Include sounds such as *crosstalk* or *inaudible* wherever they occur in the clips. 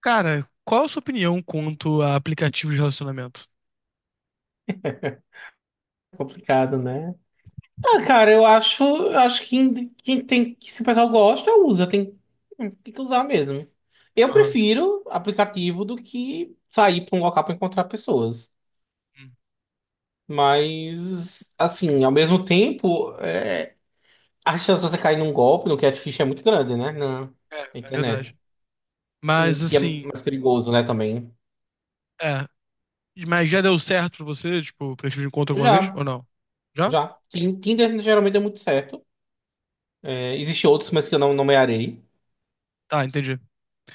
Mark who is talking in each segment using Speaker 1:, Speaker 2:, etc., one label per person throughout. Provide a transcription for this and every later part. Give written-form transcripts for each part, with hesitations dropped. Speaker 1: Cara, qual a sua opinião quanto a aplicativos de relacionamento?
Speaker 2: Complicado, né? Ah, cara, eu acho que quem tem, que se o pessoal gosta, usa, tem que usar mesmo. Eu
Speaker 1: Aham.
Speaker 2: prefiro aplicativo do que sair para um local para encontrar pessoas.
Speaker 1: Hum.
Speaker 2: Mas, assim, ao mesmo tempo, a chance de você cair num golpe no catfish é muito grande, né? Na
Speaker 1: É,
Speaker 2: na
Speaker 1: é
Speaker 2: internet.
Speaker 1: verdade. Mas
Speaker 2: E é
Speaker 1: assim,
Speaker 2: mais perigoso, né, também.
Speaker 1: é. Mas já deu certo pra você, tipo, aplicativo de encontro alguma vez?
Speaker 2: Já,
Speaker 1: Ou não? Já?
Speaker 2: já. Tinder geralmente deu muito certo. É, existem outros, mas que eu não nomearei.
Speaker 1: Tá, entendi.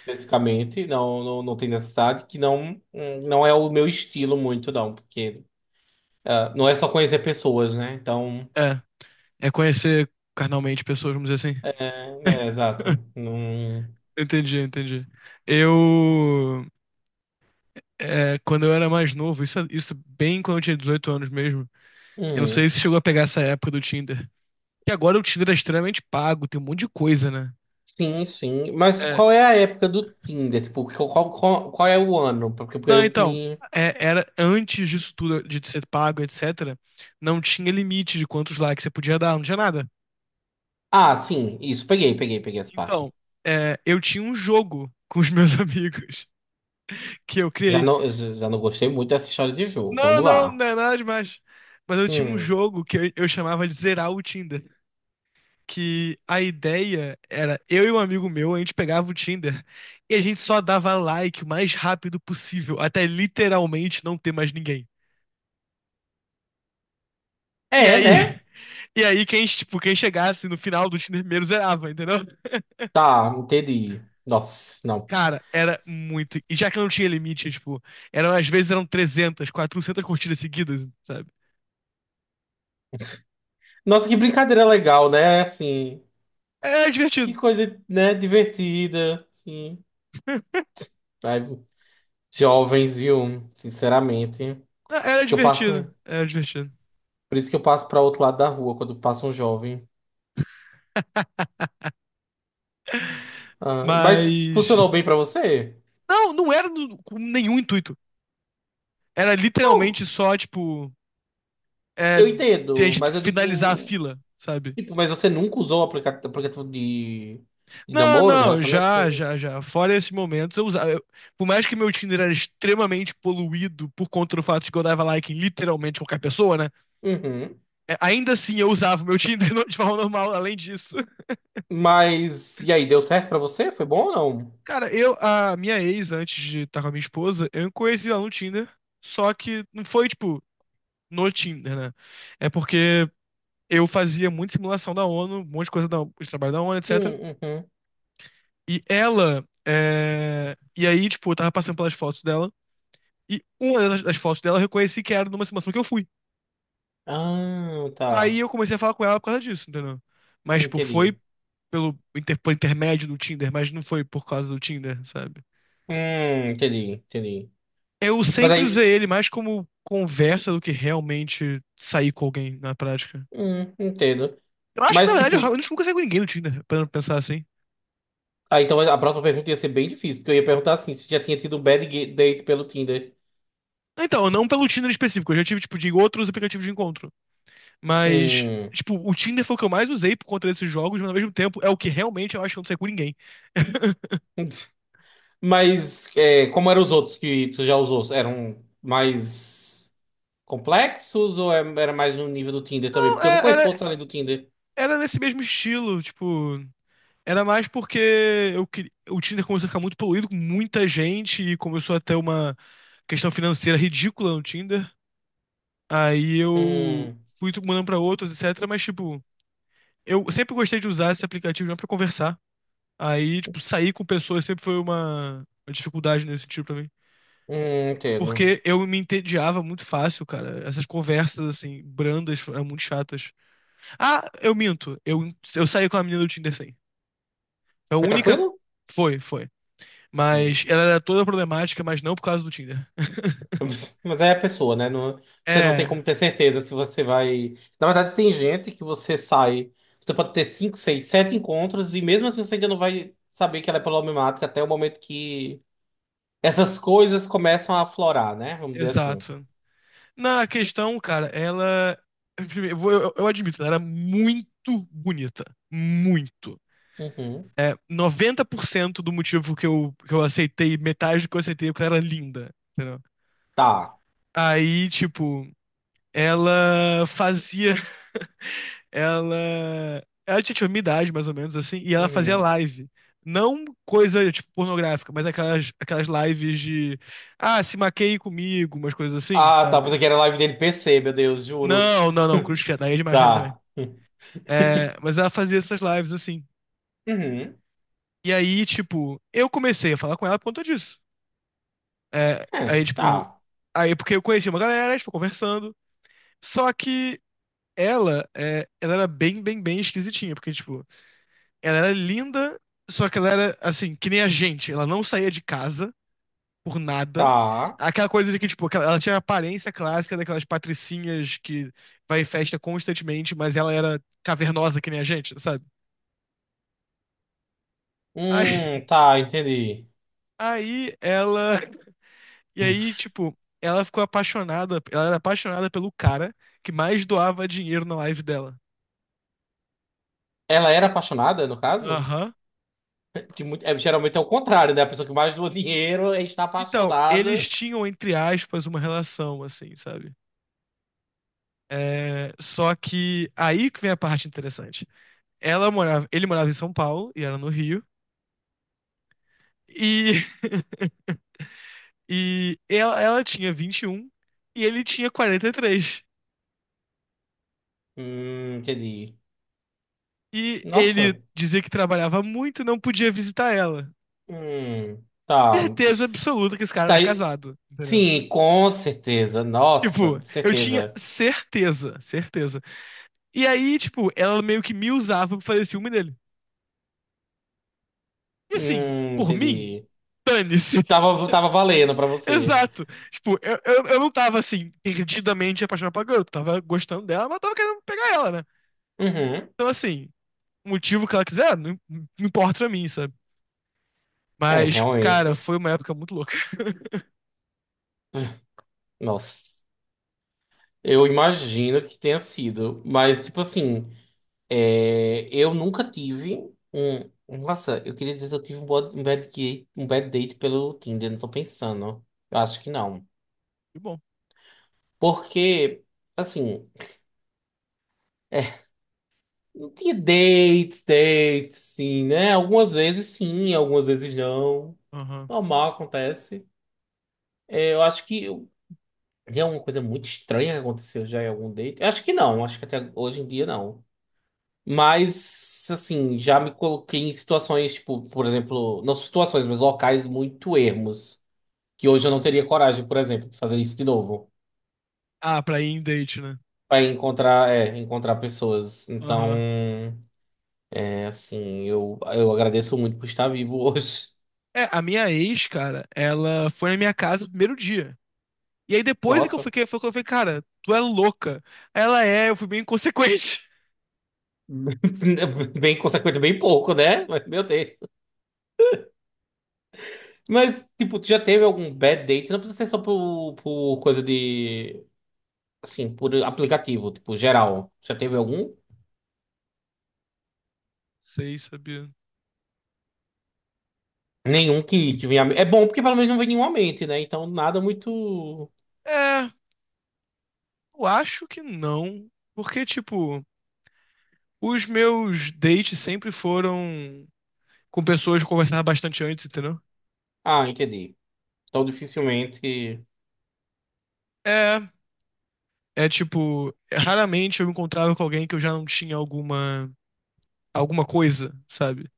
Speaker 2: Especificamente, não tem necessidade, que não, não é o meu estilo muito, não, porque ah, não é só conhecer pessoas, né? Então,
Speaker 1: É. É conhecer carnalmente pessoas, vamos dizer assim. *laughs*
Speaker 2: exato. Não-
Speaker 1: Entendi, entendi. Eu, é, quando eu era mais novo, isso bem quando eu tinha 18 anos mesmo, eu não
Speaker 2: Hum,
Speaker 1: sei se chegou a pegar essa época do Tinder. Que agora o Tinder é extremamente pago, tem um monte de coisa, né?
Speaker 2: sim. Mas
Speaker 1: É,
Speaker 2: qual é a época do Tinder? Tipo, qual é o ano? Porque
Speaker 1: não,
Speaker 2: eu
Speaker 1: então,
Speaker 2: me.
Speaker 1: era antes disso tudo, de ser pago, etc., não tinha limite de quantos likes você podia dar, não tinha nada.
Speaker 2: Ah, sim, isso, peguei essa parte.
Speaker 1: Então, é, eu tinha um jogo *laughs* com os meus *laughs* amigos que eu
Speaker 2: Já
Speaker 1: criei.
Speaker 2: não, já já não gostei muito dessa história de jogo.
Speaker 1: Não,
Speaker 2: Vamos
Speaker 1: não,
Speaker 2: lá.
Speaker 1: não é nada demais. Mas eu tinha um
Speaker 2: Hum.
Speaker 1: jogo que eu chamava de Zerar o Tinder. Que a ideia era eu e um amigo meu, a gente pegava o Tinder e a gente só dava like o mais rápido possível, até literalmente não ter mais ninguém. E
Speaker 2: É,
Speaker 1: aí,
Speaker 2: né?
Speaker 1: e aí, quem, tipo, quem chegasse no final do Tinder primeiro zerava, entendeu?
Speaker 2: Tá, entendi. Nossa, não.
Speaker 1: Cara, era muito. E já que eu não tinha limite, tipo, eram, às vezes eram 300, 400 curtidas seguidas, sabe?
Speaker 2: Nossa, que brincadeira legal, né? Assim.
Speaker 1: Era
Speaker 2: Que
Speaker 1: divertido.
Speaker 2: coisa, né, divertida, sim.
Speaker 1: *laughs*
Speaker 2: Ai, jovens, viu? Sinceramente. Por
Speaker 1: Era
Speaker 2: isso que eu passo,
Speaker 1: divertido. Era divertido.
Speaker 2: por isso que eu passo para outro lado da rua quando passa um jovem. Ah, mas
Speaker 1: Mas.
Speaker 2: funcionou bem para você?
Speaker 1: Não, não era com nenhum intuito. Era literalmente
Speaker 2: Não,
Speaker 1: só, tipo, é,
Speaker 2: eu
Speaker 1: a
Speaker 2: entendo,
Speaker 1: gente
Speaker 2: mas eu
Speaker 1: finalizar a
Speaker 2: digo,
Speaker 1: fila, sabe?
Speaker 2: tipo, mas você nunca usou o aplicativo de
Speaker 1: Não,
Speaker 2: namoro, de
Speaker 1: não,
Speaker 2: relacionamento, essas
Speaker 1: já,
Speaker 2: coisas assim?
Speaker 1: já, já. Fora esse momento, eu usava. Por mais que meu Tinder era extremamente poluído por conta do fato de que eu dava like em literalmente qualquer pessoa, né?
Speaker 2: Uhum.
Speaker 1: É, ainda assim eu usava o meu Tinder *laughs* de forma normal, além disso.
Speaker 2: Mas e aí, deu certo para você? Foi bom ou não?
Speaker 1: Cara, eu, a minha ex, antes de estar com a minha esposa, eu conheci ela no Tinder. Só que não foi, tipo, no Tinder, né? É porque eu fazia muita simulação da ONU, um monte de coisa de trabalho da ONU,
Speaker 2: Sim,
Speaker 1: etc.
Speaker 2: uhum.
Speaker 1: E ela. É, e aí, tipo, eu tava passando pelas fotos dela. E uma das fotos dela eu reconheci que era numa simulação que eu fui.
Speaker 2: Ah,
Speaker 1: Aí
Speaker 2: tá.
Speaker 1: eu comecei a falar com ela por causa disso, entendeu? Mas, tipo, foi
Speaker 2: Entendi.
Speaker 1: por intermédio do Tinder, mas não foi por causa do Tinder, sabe?
Speaker 2: Entendi.
Speaker 1: Eu
Speaker 2: Mas
Speaker 1: sempre usei
Speaker 2: aí
Speaker 1: ele mais como conversa do que realmente sair com alguém na prática.
Speaker 2: Entendo.
Speaker 1: Eu acho que, na
Speaker 2: Mas,
Speaker 1: verdade, eu
Speaker 2: tipo,
Speaker 1: realmente nunca saí com ninguém no Tinder, pra pensar assim.
Speaker 2: ah, então a próxima pergunta ia ser bem difícil, porque eu ia perguntar assim, se já tinha tido um date pelo Tinder.
Speaker 1: Então, não pelo Tinder específico, eu já tive, tipo, de outros aplicativos de encontro. Mas,
Speaker 2: Hum.
Speaker 1: tipo, o Tinder foi o que eu mais usei por conta desses jogos, mas ao mesmo tempo é o que realmente eu acho que eu não saí com ninguém. *laughs*
Speaker 2: *laughs* Mas é, como eram os outros que tu já usou? Eram mais complexos ou era mais no nível do Tinder também?
Speaker 1: Não,
Speaker 2: Porque eu não conheço outros além do Tinder.
Speaker 1: era nesse mesmo estilo, tipo. Era mais porque eu queria. O Tinder começou a ficar muito poluído com muita gente e começou a ter uma questão financeira ridícula no Tinder. Aí eu
Speaker 2: Hum,
Speaker 1: fui mandando pra outros, etc. Mas, tipo, eu sempre gostei de usar esse aplicativo já pra conversar. Aí, tipo, sair com pessoas sempre foi uma, dificuldade nesse sentido pra mim.
Speaker 2: entendo.
Speaker 1: Porque eu me entediava muito fácil, cara. Essas conversas, assim, brandas, eram muito chatas. Ah, eu minto. Eu saí com a menina do Tinder, sim. A
Speaker 2: Foi
Speaker 1: única.
Speaker 2: tranquilo?
Speaker 1: Foi, foi. Mas
Speaker 2: Hum.
Speaker 1: ela era toda problemática, mas não por causa do Tinder. *laughs*
Speaker 2: Mas é a pessoa, né? Não- você não tem
Speaker 1: É,
Speaker 2: como ter certeza se você vai. Na verdade, tem gente que você sai. Você pode ter cinco, seis, sete encontros e mesmo assim você ainda não vai saber que ela é problemática até o momento que essas coisas começam a aflorar, né? Vamos dizer assim.
Speaker 1: exato. Na questão, cara, ela. Primeiro, eu admito, ela era muito bonita. Muito.
Speaker 2: Uhum.
Speaker 1: É, 90% do motivo que eu, aceitei, metade do que eu aceitei, é porque ela era linda. Entendeu?
Speaker 2: Tá.
Speaker 1: Aí, tipo, ela fazia ela. Ela tinha, tipo, minha idade, mais ou menos, assim, e ela fazia
Speaker 2: Uhum.
Speaker 1: live. Não coisa, tipo, pornográfica, mas aquelas lives de. Ah, se maqueie comigo, umas coisas assim,
Speaker 2: Ah, tá.
Speaker 1: sabe?
Speaker 2: Pensei que era live de NPC, meu Deus, juro.
Speaker 1: Não, não, não, cruz
Speaker 2: *laughs*
Speaker 1: credo, aí é demais pra mim também.
Speaker 2: Tá.
Speaker 1: É, mas ela fazia essas lives, assim.
Speaker 2: Uhum.
Speaker 1: E aí, tipo, eu comecei a falar com ela por conta disso. É,
Speaker 2: É,
Speaker 1: aí, tipo.
Speaker 2: tá.
Speaker 1: Aí, porque eu conheci uma galera, a gente foi conversando. Só que ela era bem, bem, bem esquisitinha, porque, tipo. Ela era linda, só que ela era, assim, que nem a gente. Ela não saía de casa por nada.
Speaker 2: Tá.
Speaker 1: Aquela coisa de que, tipo, ela tinha a aparência clássica daquelas patricinhas que vai em festa constantemente, mas ela era cavernosa que nem a gente, sabe? Aí,
Speaker 2: Tá, entendi.
Speaker 1: aí, ela. E aí, tipo, ela ficou apaixonada. Ela era apaixonada pelo cara que mais doava dinheiro na live dela.
Speaker 2: Ela era apaixonada, no caso?
Speaker 1: Aham.
Speaker 2: Que muito, é, geralmente é o contrário, né? A pessoa que mais doa dinheiro é está
Speaker 1: Então, eles
Speaker 2: apaixonada.
Speaker 1: tinham, entre aspas, uma relação, assim, sabe? É, só que aí que vem a parte interessante. Ele morava em São Paulo e era no Rio. E, *laughs* e ela tinha 21 e ele tinha 43.
Speaker 2: Entendi.
Speaker 1: E três. E ele
Speaker 2: Nossa.
Speaker 1: dizia que trabalhava muito e não podia visitar ela.
Speaker 2: Tá.
Speaker 1: Certeza
Speaker 2: Isso-
Speaker 1: absoluta que esse cara
Speaker 2: Tá
Speaker 1: era
Speaker 2: aí.
Speaker 1: casado, entendeu?
Speaker 2: Sim, com certeza. Nossa,
Speaker 1: Tipo, eu tinha
Speaker 2: certeza.
Speaker 1: certeza, certeza. E aí, tipo, ela meio que me usava pra fazer ciúme dele. E assim, por mim,
Speaker 2: Entendi.
Speaker 1: dane-se.
Speaker 2: Tava valendo pra você.
Speaker 1: Exato. Tipo, eu não tava assim, perdidamente apaixonado pela garota. Tava gostando dela, mas tava querendo pegar ela, né?
Speaker 2: Uhum.
Speaker 1: Então, assim, o motivo que ela quiser, não, não importa pra mim, sabe?
Speaker 2: É,
Speaker 1: Mas, cara,
Speaker 2: realmente.
Speaker 1: foi uma época muito louca. *laughs*
Speaker 2: Nossa. Eu imagino que tenha sido. Mas, tipo assim. É, eu nunca tive um. Nossa, eu queria dizer se eu tive um um bad date pelo Tinder, não tô pensando. Eu acho que não.
Speaker 1: Que bom.
Speaker 2: Porque, assim, é, não tinha dates, sim, né? Algumas vezes sim, algumas vezes não.
Speaker 1: Aham.
Speaker 2: Normal, acontece. É, eu acho que tem alguma coisa muito estranha que aconteceu já em algum date. Eu acho que não, acho que até hoje em dia não. Mas, assim, já me coloquei em situações, tipo, por exemplo, não situações, mas locais muito ermos, que hoje eu não teria coragem, por exemplo, de fazer isso de novo.
Speaker 1: Ah, pra ir em date, né?
Speaker 2: Pra encontrar, é, encontrar pessoas. Então,
Speaker 1: Aham.
Speaker 2: é assim, eu agradeço muito por estar vivo hoje.
Speaker 1: É, a minha ex, cara, ela foi na minha casa no primeiro dia. E aí depois
Speaker 2: Nossa,
Speaker 1: foi que eu falei, cara, tu é louca. Ela é, eu fui bem inconsequente. *laughs*
Speaker 2: *laughs* bem consequente, bem pouco, né? Mas, Meu Deus. Mas, tipo, tu já teve algum bad date? Não precisa ser só por coisa de, assim, por aplicativo, tipo, geral. Já teve algum?
Speaker 1: Sei, sabia?
Speaker 2: Nenhum que venha. É bom porque pelo menos não vem nenhum à mente, né? Então nada muito.
Speaker 1: É, eu acho que não. Porque, tipo. Os meus dates sempre foram com pessoas que eu conversava bastante antes, entendeu?
Speaker 2: Ah, entendi. Então dificilmente.
Speaker 1: É, é, tipo, raramente eu me encontrava com alguém que eu já não tinha alguma coisa, sabe?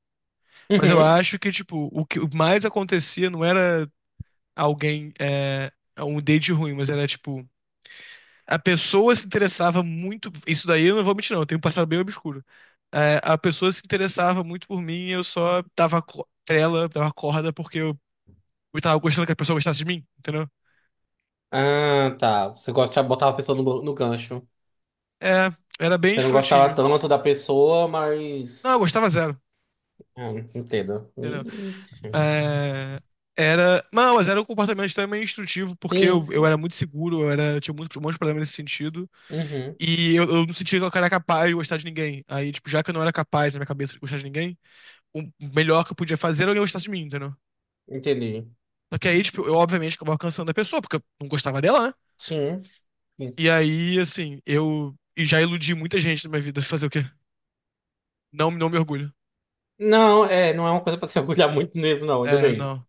Speaker 1: Mas eu
Speaker 2: Uhum.
Speaker 1: acho que tipo, o que mais acontecia não era alguém é, um date ruim, mas era tipo a pessoa se interessava muito. Isso daí eu não vou mentir, não. Eu tenho um passado bem obscuro. É, a pessoa se interessava muito por mim e eu só dava trela, dava corda, porque eu tava gostando que a pessoa gostasse de mim, entendeu?
Speaker 2: Ah, tá. Você gosta de botar a pessoa no gancho.
Speaker 1: É, era bem
Speaker 2: Você não gostava
Speaker 1: escrotinho.
Speaker 2: tanto da pessoa,
Speaker 1: Não,
Speaker 2: mas.
Speaker 1: eu gostava zero,
Speaker 2: Ah, entendo.
Speaker 1: entendeu?
Speaker 2: Ixi.
Speaker 1: É, era. Não, mas era um comportamento extremamente instrutivo, porque
Speaker 2: Sim,
Speaker 1: eu
Speaker 2: sim.
Speaker 1: era muito seguro, eu era, eu tinha muito, um monte de problema nesse sentido.
Speaker 2: Uhum.
Speaker 1: E eu não sentia que eu era capaz de gostar de ninguém. Aí, tipo, já que eu não era capaz na minha cabeça de gostar de ninguém, o melhor que eu podia fazer era alguém gostar de mim, entendeu?
Speaker 2: Entendi.
Speaker 1: Só que aí, tipo, eu obviamente acabava cansando a pessoa, porque eu não gostava dela, né?
Speaker 2: Sim. Sim.
Speaker 1: E aí, assim, eu e já iludi muita gente na minha vida. Fazer o quê? Não, não me orgulho.
Speaker 2: Não, é, não é uma coisa pra se *laughs* orgulhar muito mesmo, não, ainda
Speaker 1: É,
Speaker 2: bem.
Speaker 1: não.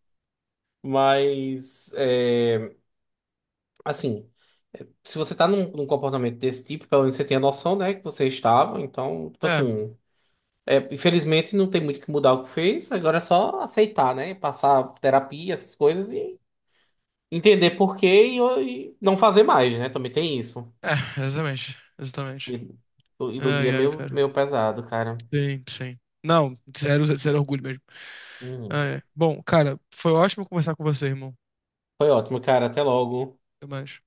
Speaker 2: Mas, é, assim. Se você tá num comportamento desse tipo, pelo menos você tem a noção, né, que você estava. Então, tipo
Speaker 1: É,
Speaker 2: assim, é, infelizmente não tem muito o que mudar o que fez, agora é só aceitar, né? Passar terapia, essas coisas e entender por quê e não fazer mais, né? Também tem isso.
Speaker 1: é, exatamente. Exatamente.
Speaker 2: E, e do dia
Speaker 1: Ai,
Speaker 2: é
Speaker 1: ai,
Speaker 2: meio,
Speaker 1: cara.
Speaker 2: meio pesado, cara.
Speaker 1: Sim, sim. Não, zero, zero orgulho mesmo.
Speaker 2: Uhum.
Speaker 1: Ai, ai. Bom, cara, foi ótimo conversar com você, irmão.
Speaker 2: Foi ótimo, cara. Até logo.
Speaker 1: Até mais.